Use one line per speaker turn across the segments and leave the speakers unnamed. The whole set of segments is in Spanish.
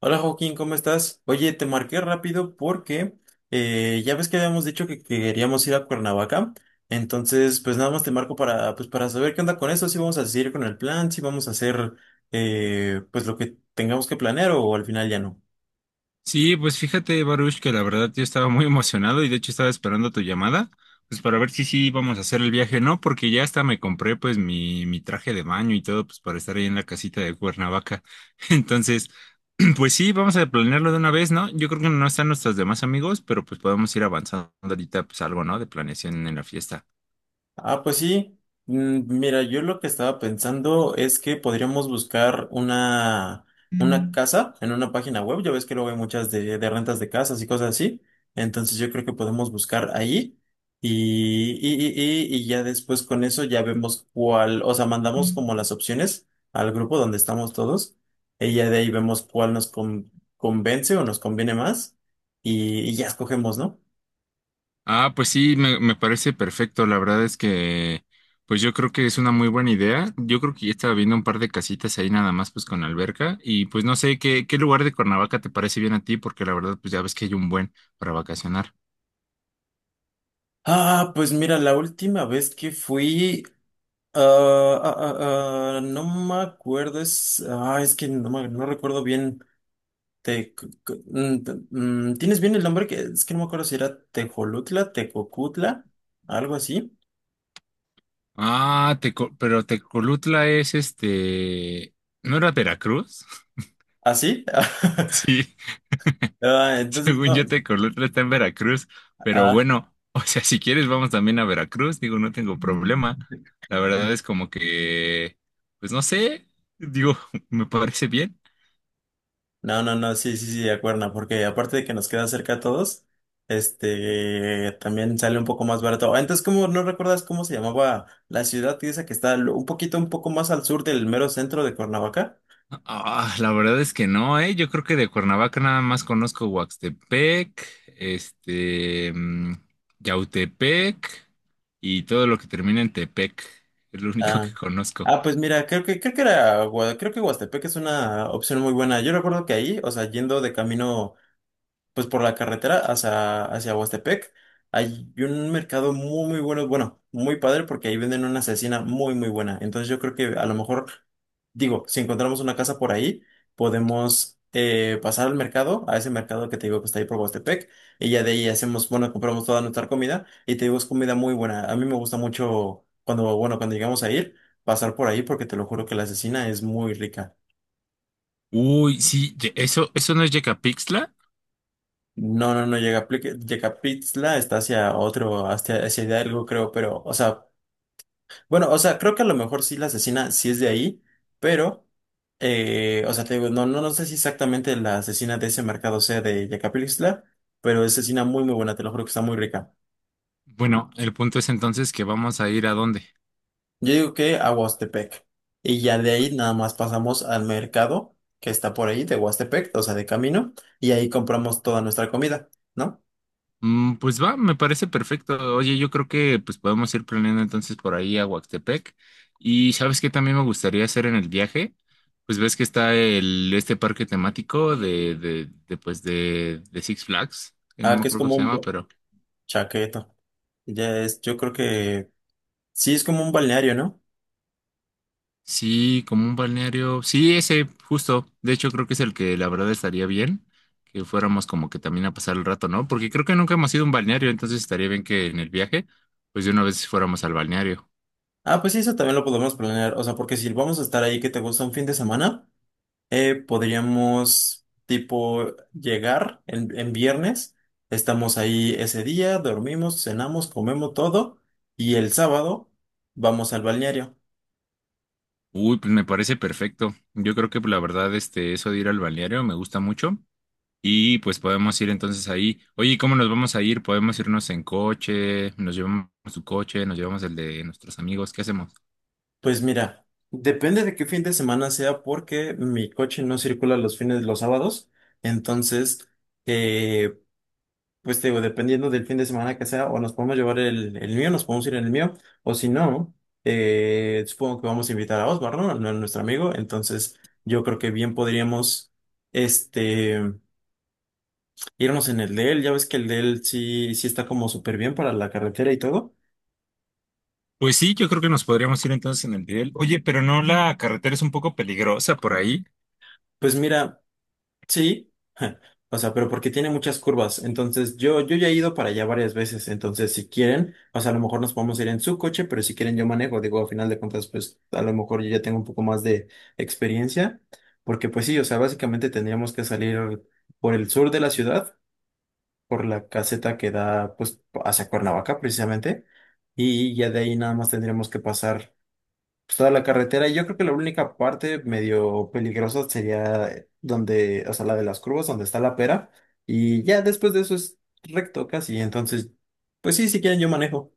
Hola Joaquín, ¿cómo estás? Oye, te marqué rápido porque ya ves que habíamos dicho que queríamos ir a Cuernavaca. Entonces, pues nada más te marco para, pues, para saber qué onda con eso, si vamos a seguir con el plan, si vamos a hacer pues lo que tengamos que planear o al final ya no.
Sí, pues fíjate, Baruch, que la verdad yo estaba muy emocionado y de hecho estaba esperando tu llamada, pues para ver si sí vamos a hacer el viaje, ¿no? Porque ya hasta me compré pues mi traje de baño y todo, pues para estar ahí en la casita de Cuernavaca. Entonces, pues sí, vamos a planearlo de una vez, ¿no? Yo creo que no están nuestros demás amigos, pero pues podemos ir avanzando ahorita pues algo, ¿no? De planeación en la fiesta.
Ah, pues sí. Mira, yo lo que estaba pensando es que podríamos buscar una casa en una página web. Ya ves que luego hay muchas de rentas de casas y cosas así. Entonces yo creo que podemos buscar ahí y ya después con eso ya vemos cuál, o sea, mandamos como las opciones al grupo donde estamos todos y ya de ahí vemos cuál nos convence o nos conviene más y ya escogemos, ¿no?
Ah, pues sí, me parece perfecto. La verdad es que, pues yo creo que es una muy buena idea. Yo creo que ya estaba viendo un par de casitas ahí nada más, pues con alberca. Y pues no sé, qué lugar de Cuernavaca te parece bien a ti? Porque la verdad, pues ya ves que hay un buen para vacacionar.
Ah, pues mira, la última vez que fui. No me acuerdo, es que no, no recuerdo bien. Te, c- c- mm, te- mm, ¿Tienes bien el nombre? Que, es que no me acuerdo si era Tejolutla, Tecocutla, algo así.
Ah, pero Tecolutla es este, ¿no era Veracruz?
¿Así?
Sí.
Ah, entonces
Según yo,
no.
Tecolotlán está en Veracruz, pero
Ah,
bueno, o sea, si quieres vamos también a Veracruz, digo, no tengo problema. La verdad es como que, pues no sé, digo, me parece bien.
no, no, no, sí, sí, sí, de acuerdo, porque aparte de que nos queda cerca a todos, este, también sale un poco más barato. Ah, entonces, ¿cómo no recuerdas cómo se llamaba la ciudad esa que está un poquito, un poco más al sur del mero centro de Cuernavaca?
Ah, la verdad es que no, ¿eh? Yo creo que de Cuernavaca nada más conozco Huaxtepec, este, mm, Yautepec y todo lo que termina en Tepec, es lo único
Ah,
que conozco.
ah, pues mira, creo que Huastepec es una opción muy buena. Yo recuerdo que ahí, o sea, yendo de camino pues por la carretera hacia Huastepec. Hay un mercado muy, muy bueno, bueno, muy padre porque ahí venden una asesina muy, muy buena. Entonces yo creo que a lo mejor, digo, si encontramos una casa por ahí, podemos pasar al mercado, a ese mercado que te digo que está ahí por Huastepec, y ya de ahí hacemos, bueno, compramos toda nuestra comida y te digo, es comida muy buena. A mí me gusta mucho cuando, bueno, cuando llegamos a ir, pasar por ahí porque te lo juro que la asesina es muy rica.
Uy, sí, eso, eso no es Yecapixtla.
No, no, no, Yecapitzla está hacia otro, hacia Hidalgo, creo, pero, o sea, bueno, o sea, creo que a lo mejor sí la asesina sí es de ahí, pero, o sea, te digo, no, no, no sé si exactamente la asesina de ese mercado sea de Yecapitzla, pero es asesina muy, muy buena, te lo juro que está muy rica.
Bueno, el punto es entonces que vamos a ir a dónde.
Yo digo que a Huastepec, y ya de ahí nada más pasamos al mercado que está por ahí de Huastepec, o sea, de camino, y ahí compramos toda nuestra comida, ¿no?
Mm, pues va, me parece perfecto. Oye, yo creo que pues podemos ir planeando entonces por ahí a Huastepec. Y sabes qué también me gustaría hacer en el viaje, pues ves que está el este parque temático de Six Flags, que no
Ah,
me
que es
acuerdo cómo
como
se
un
llama, pero
chaqueto. Yo creo que sí es como un balneario, ¿no?
sí, como un balneario. Sí, ese, justo. De hecho, creo que es el que la verdad estaría bien que fuéramos como que también a pasar el rato, ¿no? Porque creo que nunca hemos ido a un balneario, entonces estaría bien que en el viaje, pues de una vez fuéramos al balneario.
Ah, pues sí, eso también lo podemos planear. O sea, porque si vamos a estar ahí que te gusta un fin de semana, podríamos tipo llegar en viernes, estamos ahí ese día, dormimos, cenamos, comemos todo y el sábado vamos al balneario.
Uy, pues me parece perfecto. Yo creo que pues, la verdad, este, eso de ir al balneario me gusta mucho. Y pues podemos ir entonces ahí. Oye, ¿cómo nos vamos a ir? ¿Podemos irnos en coche? ¿Nos llevamos tu coche? ¿Nos llevamos el de nuestros amigos? ¿Qué hacemos?
Pues mira, depende de qué fin de semana sea porque mi coche no circula los fines de los sábados, entonces... eh, pues te digo, dependiendo del fin de semana que sea, o nos podemos llevar el mío, nos podemos ir en el mío, o si no, supongo que vamos a invitar a Osmar, ¿no? A nuestro amigo, entonces yo creo que bien podríamos, este, irnos en el de él, ya ves que el de él sí, sí está como súper bien para la carretera y todo.
Pues sí, yo creo que nos podríamos ir entonces en el de él. Oye, pero no, la carretera es un poco peligrosa por ahí.
Pues mira, sí, o sea, pero porque tiene muchas curvas. Entonces, yo ya he ido para allá varias veces. Entonces, si quieren, o sea, a lo mejor nos podemos ir en su coche, pero si quieren, yo manejo. Digo, a final de cuentas, pues a lo mejor yo ya tengo un poco más de experiencia. Porque, pues sí, o sea, básicamente tendríamos que salir por el sur de la ciudad, por la caseta que da, pues, hacia Cuernavaca, precisamente. Y ya de ahí nada más tendríamos que pasar pues, toda la carretera. Yo creo que la única parte medio peligrosa sería donde, o sea, la de las curvas, donde está la pera. Y ya después de eso es recto casi. Entonces, pues sí, si quieren yo manejo.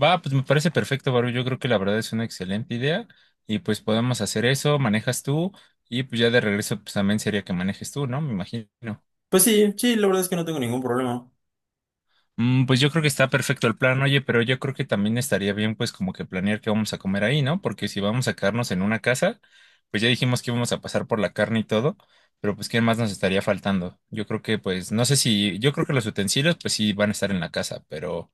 Va, pues me parece perfecto, Baru. Yo creo que la verdad es una excelente idea. Y pues podemos hacer eso, manejas tú. Y pues ya de regreso, pues también sería que manejes tú, ¿no? Me imagino.
Pues sí, sí, la verdad es que no tengo ningún problema.
Mm, pues yo creo que está perfecto el plan, oye, pero yo creo que también estaría bien pues como que planear qué vamos a comer ahí, ¿no? Porque si vamos a quedarnos en una casa, pues ya dijimos que íbamos a pasar por la carne y todo, pero pues ¿qué más nos estaría faltando? Yo creo que pues no sé si, yo creo que los utensilios pues sí van a estar en la casa, pero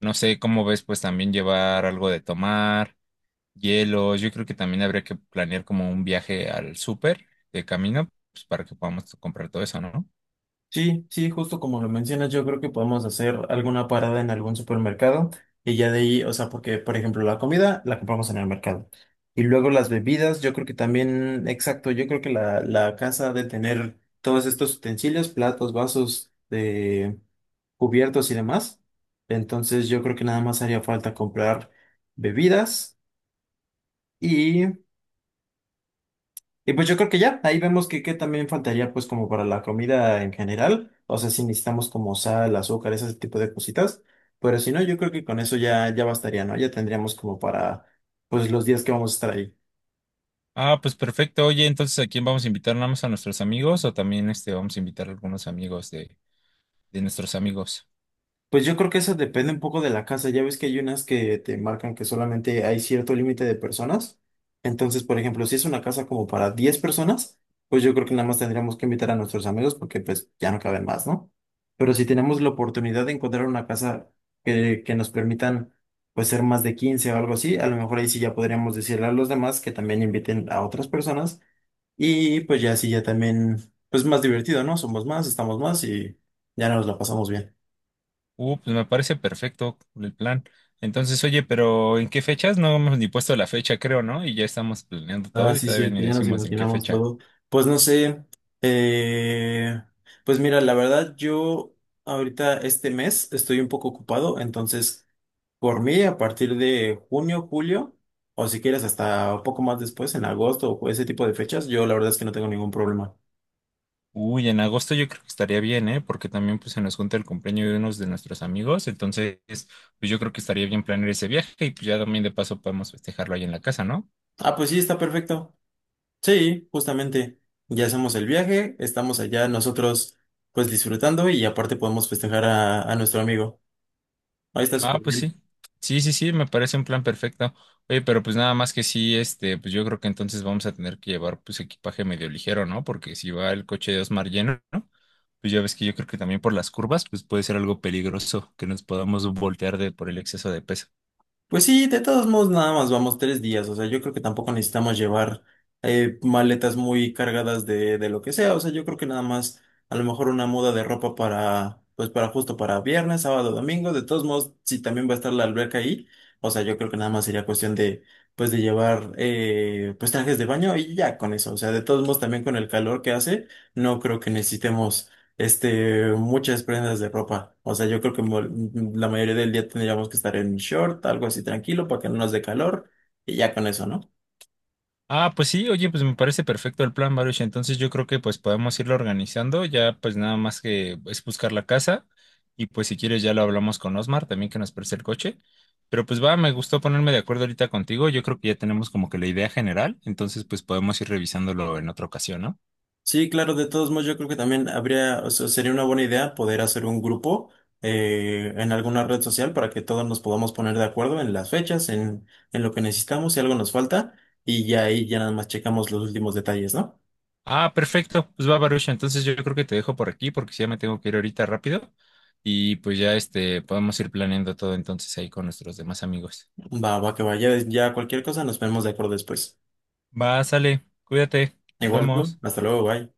no sé cómo ves pues también llevar algo de tomar, hielos, yo creo que también habría que planear como un viaje al súper de camino, pues para que podamos comprar todo eso, ¿no?
Sí, sí, justo como lo mencionas, yo creo que podemos hacer alguna parada en algún supermercado y ya de ahí, o sea, porque por ejemplo la comida la compramos en el mercado y luego las bebidas, yo creo que también, exacto, yo creo que la casa ha de tener todos estos utensilios, platos, vasos, de cubiertos y demás. Entonces yo creo que nada más haría falta comprar bebidas y pues yo creo que ya, ahí vemos que también faltaría pues como para la comida en general, o sea, si necesitamos como sal, azúcar, ese tipo de cositas, pero si no, yo creo que con eso ya, ya bastaría, ¿no? Ya tendríamos como para pues los días que vamos a estar ahí.
Ah, pues perfecto. Oye, entonces, ¿a quién vamos a invitar? ¿Nada más a nuestros amigos o también este, vamos a invitar a algunos amigos de nuestros amigos?
Pues yo creo que eso depende un poco de la casa. Ya ves que hay unas que te marcan que solamente hay cierto límite de personas. Entonces, por ejemplo, si es una casa como para 10 personas, pues yo creo que nada más tendríamos que invitar a nuestros amigos porque pues ya no caben más, ¿no? Pero si tenemos la oportunidad de encontrar una casa que nos permitan pues ser más de 15 o algo así, a lo mejor ahí sí ya podríamos decirle a los demás que también inviten a otras personas y pues ya sí ya también pues más divertido, ¿no? Somos más, estamos más y ya nos la pasamos bien.
Pues me parece perfecto el plan. Entonces, oye, pero ¿en qué fechas? No hemos ni puesto la fecha, creo, ¿no? Y ya estamos planeando
Ah,
todo y
sí,
todavía
cierto,
ni
ya nos
decimos en qué
imaginamos
fecha.
todo. Pues no sé, eh, pues mira, la verdad yo ahorita este mes estoy un poco ocupado, entonces por mí a partir de junio, julio, o si quieres hasta un poco más después, en agosto o ese tipo de fechas, yo la verdad es que no tengo ningún problema.
Uy, en agosto yo creo que estaría bien, ¿eh? Porque también pues se nos junta el cumpleaños de unos de nuestros amigos. Entonces, pues yo creo que estaría bien planear ese viaje y pues ya también de paso podemos festejarlo ahí en la casa, ¿no?
Ah, pues sí, está perfecto. Sí, justamente, ya hacemos el viaje, estamos allá nosotros pues disfrutando y aparte podemos festejar a nuestro amigo. Ahí está
Ah,
súper
pues sí.
bien.
Sí, sí, sí, me parece un plan perfecto. Oye, pero pues nada más que sí, este, pues yo creo que entonces vamos a tener que llevar pues equipaje medio ligero, ¿no? Porque si va el coche de Osmar lleno, ¿no? Pues ya ves que yo creo que también por las curvas, pues puede ser algo peligroso que nos podamos voltear de por el exceso de peso.
Pues sí, de todos modos nada más vamos 3 días, o sea, yo creo que tampoco necesitamos llevar maletas muy cargadas de lo que sea, o sea, yo creo que nada más a lo mejor una muda de ropa para, pues para justo para viernes, sábado, domingo, de todos modos, si también va a estar la alberca ahí, o sea, yo creo que nada más sería cuestión de, pues de llevar, pues trajes de baño y ya con eso, o sea, de todos modos también con el calor que hace, no creo que necesitemos este, muchas prendas de ropa. O sea, yo creo que la mayoría del día tendríamos que estar en short, algo así tranquilo, para que no nos dé calor, y ya con eso, ¿no?
Ah, pues sí, oye, pues me parece perfecto el plan, Baruch. Entonces yo creo que pues podemos irlo organizando. Ya pues nada más que es buscar la casa. Y pues si quieres ya lo hablamos con Osmar también que nos preste el coche. Pero pues va, me gustó ponerme de acuerdo ahorita contigo. Yo creo que ya tenemos como que la idea general. Entonces pues podemos ir revisándolo en otra ocasión, ¿no?
Sí, claro, de todos modos, yo creo que también habría, o sea, sería una buena idea poder hacer un grupo en alguna red social para que todos nos podamos poner de acuerdo en las fechas, en lo que necesitamos, si algo nos falta, y ya ahí ya nada más checamos los últimos detalles, ¿no?
Ah, perfecto. Pues va, Baruch. Entonces yo creo que te dejo por aquí porque sí, ya me tengo que ir ahorita rápido. Y pues ya este, podemos ir planeando todo entonces ahí con nuestros demás amigos.
Va, va, que vaya, ya ya cualquier cosa nos ponemos de acuerdo después.
Va, sale. Cuídate. Nos
Igual, tú,
vemos.
hasta luego, bye.